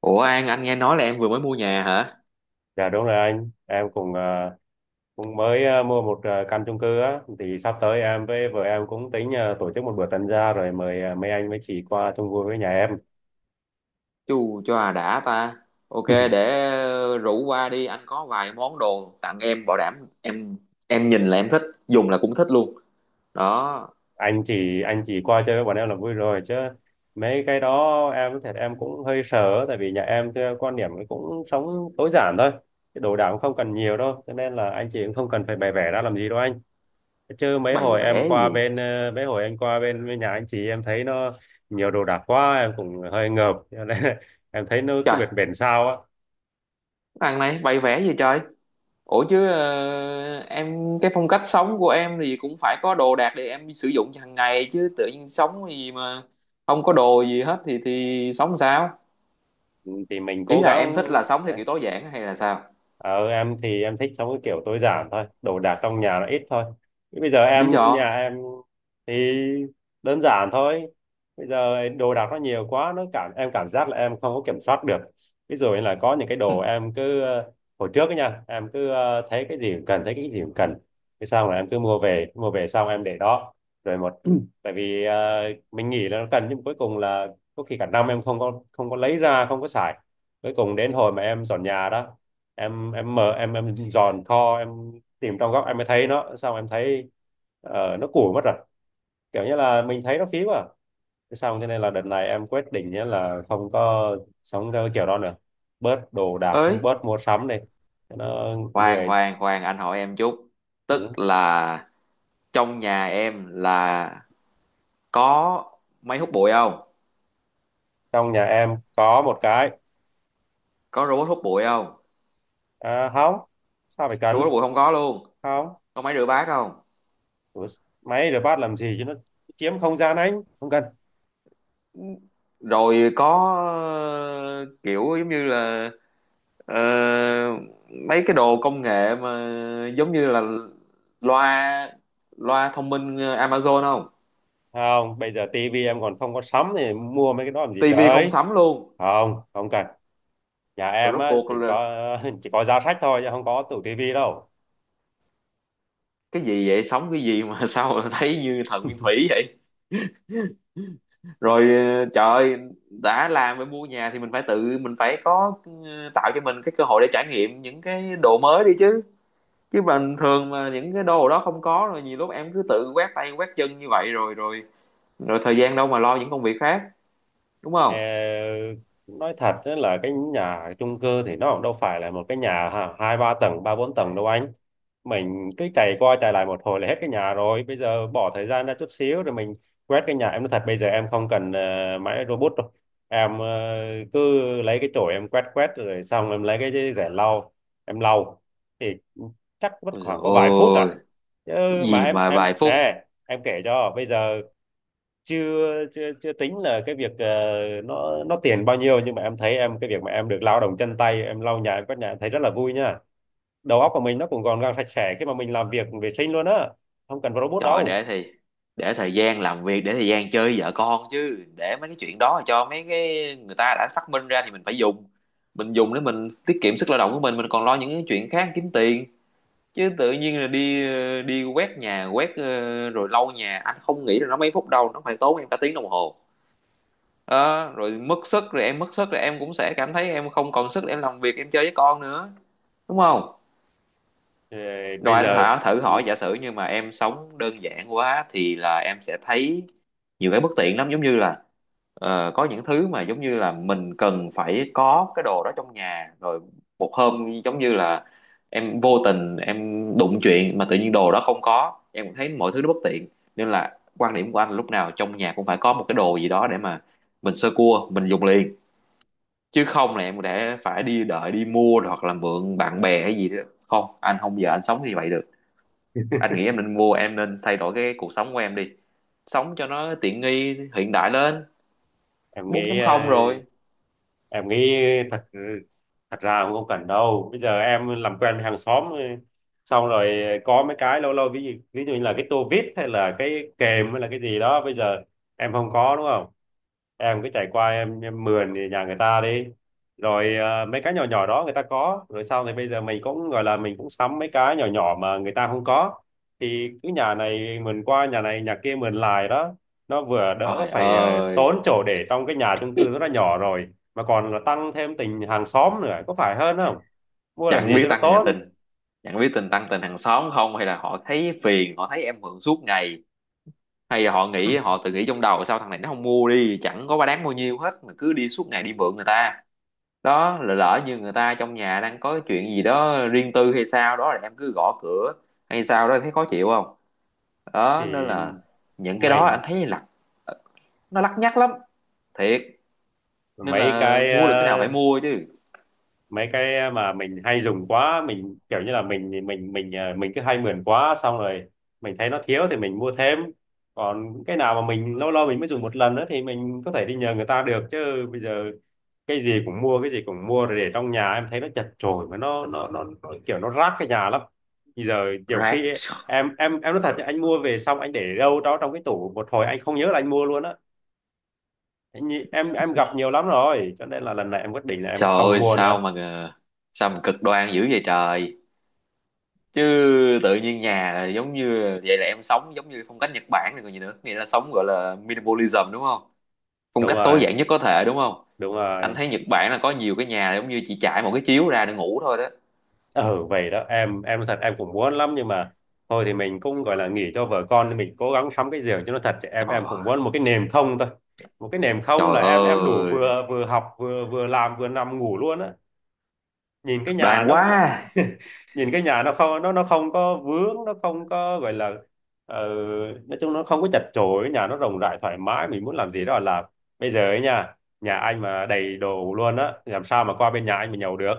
Ủa An, anh nghe nói là em vừa mới mua nhà hả? Dạ đúng rồi anh, em cũng cũng mới mua một căn chung cư á, thì sắp tới em với vợ em cũng tính tổ chức một bữa tân gia rồi mời mấy anh mấy chị qua chung vui với nhà em. Chu cho à đã ta. Ok, để rủ qua đi, anh có vài món đồ tặng em bảo đảm em nhìn là em thích, dùng là cũng thích luôn. Đó, Anh chỉ qua chơi với bọn em là vui rồi, chứ mấy cái đó em thật em cũng hơi sợ, tại vì nhà em theo quan điểm ấy cũng sống tối giản thôi, cái đồ đạc cũng không cần nhiều đâu, cho nên là anh chị cũng không cần phải bày vẽ ra làm gì đâu anh. Chứ bày vẽ gì? Mấy hồi anh qua bên nhà anh chị, em thấy nó nhiều đồ đạc quá em cũng hơi ngợp, cho nên em thấy nó cứ Trời, bệt bệt sao á. thằng này bày vẽ gì trời? Ủa chứ em cái phong cách sống của em thì cũng phải có đồ đạc để em sử dụng hàng ngày chứ tự nhiên sống gì mà không có đồ gì hết thì sống sao? Ừ, thì mình Ý cố là gắng. em thích là sống theo kiểu tối giản hay là sao? Ờ, em thì em thích sống cái kiểu tối giản thôi, đồ đạc trong nhà nó ít thôi. Thế bây giờ Lý nhà do? em thì đơn giản thôi. Bây giờ đồ đạc nó nhiều quá, nó cảm em cảm giác là em không có kiểm soát được. Ví dụ như là có những cái đồ em cứ hồi trước ấy nha, em cứ thấy cái gì cũng cần. Thế xong là em cứ mua về xong em để đó. Rồi một tại vì mình nghĩ là nó cần, nhưng cuối cùng là có khi cả năm em không có lấy ra, không có xài. Cuối cùng đến hồi mà em dọn nhà đó, em mở, em dòn kho, em tìm trong góc em mới thấy nó, xong em thấy nó củi mất rồi, kiểu như là mình thấy nó phí quá à. Thế nên là đợt này em quyết định nhá là không có sống theo cái kiểu đó nữa, bớt đồ đạc, Ừ. Ấy, bớt mua sắm đi, cho nó khoan người. khoan khoan, anh hỏi em chút, Ừ. tức là trong nhà em là có máy hút bụi không? Trong nhà em có một cái. Có robot hút bụi không? À, không, sao phải Robot cần? hút bụi không có luôn? Không. Có máy rửa bát không? Ủa, máy rửa bát làm gì chứ, nó chiếm không gian, anh không cần. Rồi có ờ, kiểu giống như là ờ, mấy cái đồ công nghệ mà giống như là loa loa thông minh Amazon không? Không, bây giờ tivi em còn không có sắm thì mua mấy cái đó làm gì Tivi không trời. sắm luôn? Không, không cần. Nhà Rồi em rốt á cuộc chỉ là có chỉ có giá sách thôi chứ không có tủ tivi đâu. cái gì vậy, sống cái gì mà sao thấy như thần nguyên thủy vậy? Rồi trời ơi, đã làm với mua nhà thì mình phải tự mình phải có tạo cho mình cái cơ hội để trải nghiệm những cái đồ mới đi chứ. Chứ bình thường mà những cái đồ đó không có rồi nhiều lúc em cứ tự quét tay quét chân như vậy rồi rồi rồi thời gian đâu mà lo những công việc khác, đúng Ờ, không? nói thật á, là cái nhà chung cư thì nó cũng đâu phải là một cái nhà ha, hai ba tầng, ba bốn tầng đâu anh. Mình cứ chạy qua chạy lại một hồi là hết cái nhà rồi. Bây giờ bỏ thời gian ra chút xíu rồi mình quét cái nhà, em nói thật, bây giờ em không cần máy robot đâu. Em cứ lấy cái chổi em quét quét, rồi xong em lấy cái rẻ lau, em lau, thì chắc mất Ôi dồi khoảng có vài phút à. ôi, Chứ mà gì em mà em vài phút. nè, em kể cho, bây giờ chưa chưa chưa tính là cái việc nó tiền bao nhiêu, nhưng mà em thấy em cái việc mà em được lao động chân tay, em lau nhà em quét nhà, em thấy rất là vui nha. Đầu óc của mình nó cũng gọn gàng sạch sẽ khi mà mình làm việc vệ sinh luôn á. Không cần robot Trời, đâu. Để thời gian làm việc, để thời gian chơi với vợ con chứ. Để mấy cái chuyện đó cho mấy cái người ta đã phát minh ra thì mình phải dùng. Mình dùng để mình tiết kiệm sức lao động của mình còn lo những cái chuyện khác kiếm tiền. Chứ tự nhiên là đi đi quét nhà quét rồi lau nhà, anh không nghĩ là nó mấy phút đâu, nó phải tốn em cả tiếng đồng hồ đó, rồi mất sức, rồi em mất sức rồi em cũng sẽ cảm thấy em không còn sức để em làm việc, em chơi với con nữa, đúng không? Ờ, Bây Rồi giờ anh thử thử ừ, hỏi giả sử như mà em sống đơn giản quá thì là em sẽ thấy nhiều cái bất tiện lắm, giống như là có những thứ mà giống như là mình cần phải có cái đồ đó trong nhà, rồi một hôm giống như là em vô tình em đụng chuyện mà tự nhiên đồ đó không có, em cũng thấy mọi thứ nó bất tiện. Nên là quan điểm của anh lúc nào trong nhà cũng phải có một cái đồ gì đó để mà mình sơ cua mình dùng liền, chứ không là em để phải đi đợi đi mua rồi, hoặc là mượn bạn bè hay gì đó. Không, anh không giờ anh sống như vậy được. Anh nghĩ em nên mua, em nên thay đổi cái cuộc sống của em đi, sống cho nó tiện nghi hiện đại lên, em nghĩ ờ, 4.0 rồi. em nghĩ thật thật ra cũng không cần đâu, bây giờ em làm quen với hàng xóm xong rồi có mấy cái lâu lâu, ví dụ như là cái tô vít hay là cái kềm hay là cái gì đó, bây giờ em không có đúng không, em cứ chạy qua em mườn nhà người ta đi. Rồi mấy cái nhỏ nhỏ đó người ta có rồi, sau thì bây giờ mình cũng gọi là mình cũng sắm mấy cái nhỏ nhỏ mà người ta không có, thì cứ nhà này mườn qua nhà này nhà kia mườn lại đó. Nó vừa đỡ Trời phải ơi, tốn chỗ để trong cái nhà chung cư rất là nhỏ rồi, mà còn là tăng thêm tình hàng xóm nữa, có phải hơn không? Mua làm chẳng gì biết cho nó tăng hàng tốn. tình, chẳng biết tình tăng tình hàng xóm không, hay là họ thấy phiền, họ thấy em mượn suốt ngày, hay là họ nghĩ họ tự nghĩ trong đầu sao thằng này nó không mua đi, chẳng có ba đáng bao nhiêu hết mà cứ đi suốt ngày đi mượn người ta. Đó là lỡ như người ta trong nhà đang có chuyện gì đó riêng tư hay sao đó là em cứ gõ cửa hay sao đó, thấy khó chịu không? Đó nên thì là những cái đó anh mình thấy là ờ, nó lắt nhắt lắm, thiệt. Nên mấy là cái mua được cái nào phải ờ, mua chứ. mấy cái mà mình hay dùng quá, mình kiểu như là mình cứ hay mượn quá xong rồi mình thấy nó thiếu thì mình mua thêm. Còn cái nào mà mình lâu lâu mình mới dùng một lần nữa thì mình có thể đi nhờ người ta được, chứ bây giờ cái gì cũng mua, cái gì cũng mua rồi để trong nhà em thấy nó chật chội, mà nó kiểu nó rác cái nhà lắm. Bây giờ nhiều Rác. khi ấy, em nói thật nhá, anh mua về xong anh để đâu đó trong cái tủ một hồi anh không nhớ là anh mua luôn á. Anh nhị- em gặp nhiều lắm rồi, cho nên là lần này em quyết định là em Trời không ơi, mua sao nữa. mà sao mà cực đoan dữ vậy trời? Chứ tự nhiên nhà là giống như vậy là em sống giống như phong cách Nhật Bản này còn gì nữa, nghĩa là sống gọi là minimalism, đúng không? Phong Đúng cách tối rồi, giản nhất có thể, đúng không? đúng Anh rồi. thấy Nhật Bản là có nhiều cái nhà giống như chỉ trải một cái chiếu ra để ngủ thôi đó. Ừ, vậy đó, em thật em cũng muốn lắm, nhưng mà thôi thì mình cũng gọi là nghỉ cho vợ con nên mình cố gắng sắm cái giường cho nó thật, chứ em Trời em cũng ơi. muốn một cái nệm không thôi. Một cái nệm không Trời là em đủ, ơi, vừa vừa học vừa vừa làm vừa nằm ngủ luôn á. Nhìn cái cực nhà đoan nó, quá. nó nhìn cái nhà nó không, nó không có vướng, nó không có gọi là ờ, nói chung nó không có chật chội, nhà nó rộng rãi thoải mái, mình muốn làm gì đó là làm. Bây giờ ấy nha, nhà anh mà đầy đồ luôn á, làm sao mà qua bên nhà anh mà nhậu được.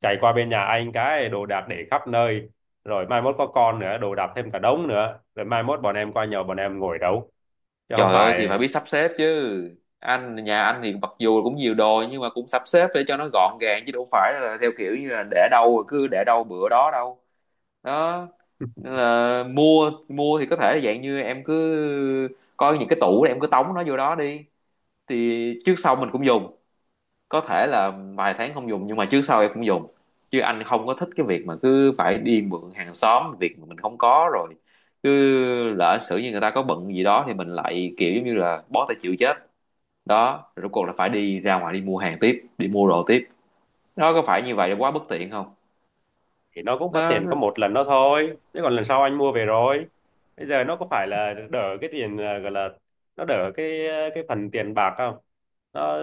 Chạy qua bên nhà anh cái đồ đạc để khắp nơi, rồi mai mốt có con nữa đồ đạc thêm cả đống nữa, rồi mai mốt bọn em qua nhậu bọn em ngồi đâu, chứ không Trời ơi thì phải phải. biết sắp xếp chứ. Nhà anh thì mặc dù cũng nhiều đồ nhưng mà cũng sắp xếp để cho nó gọn gàng, chứ đâu phải là theo kiểu như là để đâu rồi cứ để đâu bữa đó đâu. Đó. Nên là mua mua thì có thể là dạng như em cứ coi những cái tủ để em cứ tống nó vô đó đi, thì trước sau mình cũng dùng, có thể là vài tháng không dùng nhưng mà trước sau em cũng dùng. Chứ anh không có thích cái việc mà cứ phải đi mượn hàng xóm, việc mà mình không có rồi cứ lỡ xử như người ta có bận gì đó thì mình lại kiểu giống như là bó tay chịu chết. Đó, rồi rốt cuộc là phải đi ra ngoài đi mua hàng tiếp, đi mua đồ tiếp. Nó có phải như vậy là quá bất tiện không? Thì nó cũng mất tiền có Nó, một lần đó thôi, chứ còn lần sau anh mua về rồi. Bây giờ nó có phải là đỡ cái tiền à, gọi là nó đỡ cái phần tiền bạc không? nó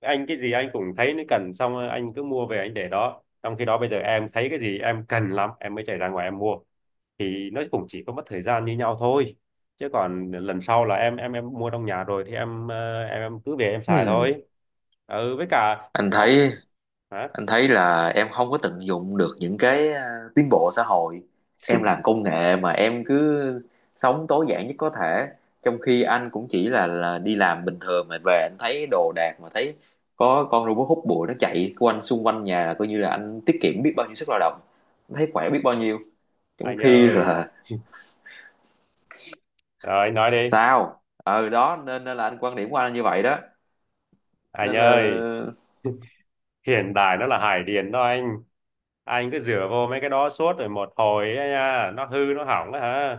anh cái gì anh cũng thấy nó cần, xong rồi anh cứ mua về anh để đó, trong khi đó bây giờ em thấy cái gì em cần lắm em mới chạy ra ngoài em mua. Thì nó cũng chỉ có mất thời gian như nhau thôi, chứ còn lần sau là em mua trong nhà rồi thì em cứ về em xài hmm, thôi. Ừ, với cả anh thấy hả? anh thấy là em không có tận dụng được những cái tiến bộ xã hội. Em làm công nghệ mà em cứ sống tối giản nhất có thể, trong khi anh cũng chỉ là đi làm bình thường mà về anh thấy đồ đạc mà thấy có con robot hút bụi nó chạy quanh xung quanh nhà là coi như là anh tiết kiệm biết bao nhiêu sức lao động, anh thấy khỏe biết bao nhiêu. Trong Anh khi ơi, là rồi anh nói đi. sao, ừ đó nên nên là anh, quan điểm của anh là như vậy đó. Anh Nên ơi, là hiện đại nó là hải điền đó anh. Anh cứ rửa vô mấy cái đó suốt rồi một hồi ấy nha, nó hư nó hỏng á hả?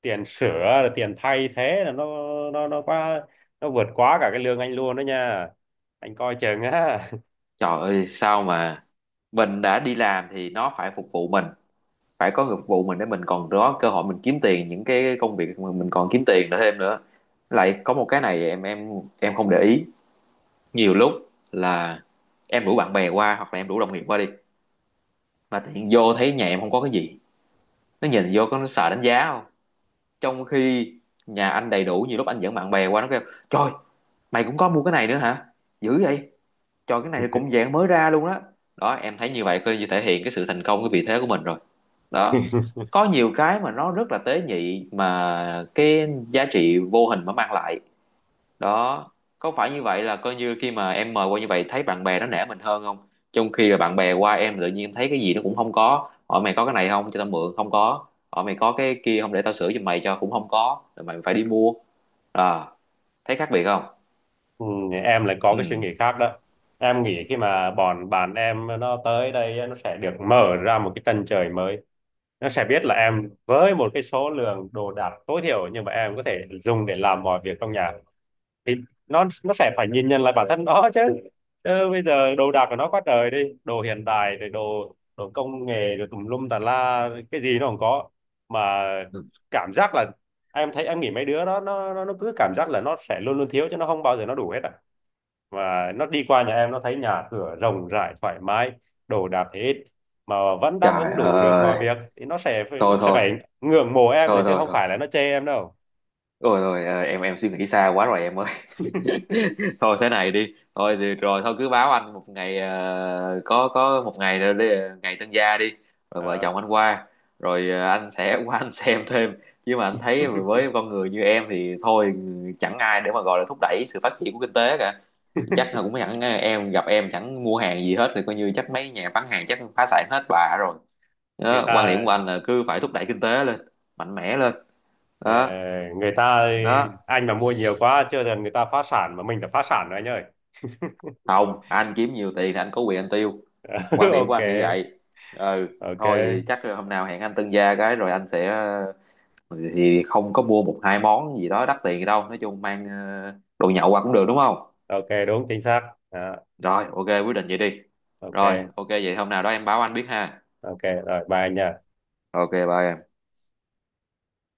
Tiền sửa rồi tiền thay thế là nó quá, nó vượt quá cả cái lương anh luôn đó nha. Anh coi chừng á. trời ơi sao mà mình đã đi làm thì nó phải phục vụ mình, phải có nghiệp vụ mình để mình còn có cơ hội mình kiếm tiền, những cái công việc mà mình còn kiếm tiền nữa thêm nữa. Lại có một cái này em em không để ý nhiều lúc, là em rủ bạn bè qua hoặc là em rủ đồng nghiệp qua đi mà tự nhiên vô thấy nhà em không có cái gì, nó nhìn vô có nó sợ đánh giá không? Trong khi nhà anh đầy đủ, nhiều lúc anh dẫn bạn bè qua, nó kêu trời, mày cũng có mua cái này nữa hả, dữ vậy. Trời, cái này cũng dạng mới ra luôn đó. Đó, em thấy như vậy coi như thể hiện cái sự thành công, cái vị thế của mình rồi. Đó. Có nhiều cái mà nó rất là tế nhị mà cái giá trị vô hình mà mang lại. Đó. Có phải như vậy là coi như khi mà em mời qua như vậy thấy bạn bè nó nể mình hơn không? Trong khi là bạn bè qua em tự nhiên em thấy cái gì nó cũng không có. Hỏi mày có cái này không cho tao mượn, không có. Hỏi mày có cái kia không để tao sửa cho mày cho, cũng không có. Rồi mày phải đi mua. À, thấy khác biệt không? Ừ, em lại có Ừ. cái suy nghĩ khác đó. Em nghĩ khi mà bọn bạn em nó tới đây á, nó sẽ được mở ra một cái chân trời mới. Nó sẽ biết là em với một cái số lượng đồ đạc tối thiểu nhưng mà em có thể dùng để làm mọi việc trong nhà, thì nó sẽ phải nhìn nhận lại bản thân nó chứ. Chứ bây giờ đồ đạc của nó quá trời đi, đồ hiện đại rồi đồ đồ công nghệ rồi tùm lum tà la, cái gì nó không có mà cảm giác là em thấy em nghĩ mấy đứa đó nó cứ cảm giác là nó sẽ luôn luôn thiếu chứ nó không bao giờ nó đủ hết à. Và nó đi qua nhà em nó thấy nhà cửa rộng rãi thoải mái, đồ đạc thì ít mà vẫn đáp Trời ứng đủ được mọi ơi, việc, thì nó sẽ nó thôi sẽ thôi, phải ngưỡng mộ em nữa thôi chứ thôi không thôi. phải là nó chê em đâu. Rồi rồi em suy nghĩ xa quá rồi em ơi. Thôi thế này đi. Thôi thì rồi thôi cứ báo anh một ngày có một ngày rồi đi, ngày tân gia đi. Rồi vợ Ờ, chồng anh qua. Rồi anh sẽ qua anh xem thêm. Chứ mà anh thấy với con người như em thì thôi, chẳng ai để mà gọi là thúc đẩy sự phát triển của kinh tế cả. Chắc là cũng chẳng em gặp em chẳng mua hàng gì hết thì coi như chắc mấy nhà bán hàng chắc phá sản hết bà rồi. người Đó, quan ta điểm của anh là cứ phải thúc đẩy kinh tế lên, mạnh mẽ lên. Ờ, Đó, người ta đó. anh mà mua nhiều quá chưa dần người ta phá sản mà mình đã phá sản rồi anh ơi. Không, anh kiếm nhiều tiền thì anh có quyền anh tiêu, quan điểm của OK, anh như vậy. Ừ. OK, Thôi thì chắc hôm nào hẹn anh tân gia cái rồi anh sẽ ờ, thì không có mua một hai món gì đó đắt tiền đâu, nói chung mang đồ nhậu qua cũng được, đúng không? OK, đúng chính xác. Đó, Rồi ok, quyết định vậy đi. Rồi OK, ok, vậy hôm nào đó em báo anh biết ha. OK, rồi bye anh nhá. Ok, bye em.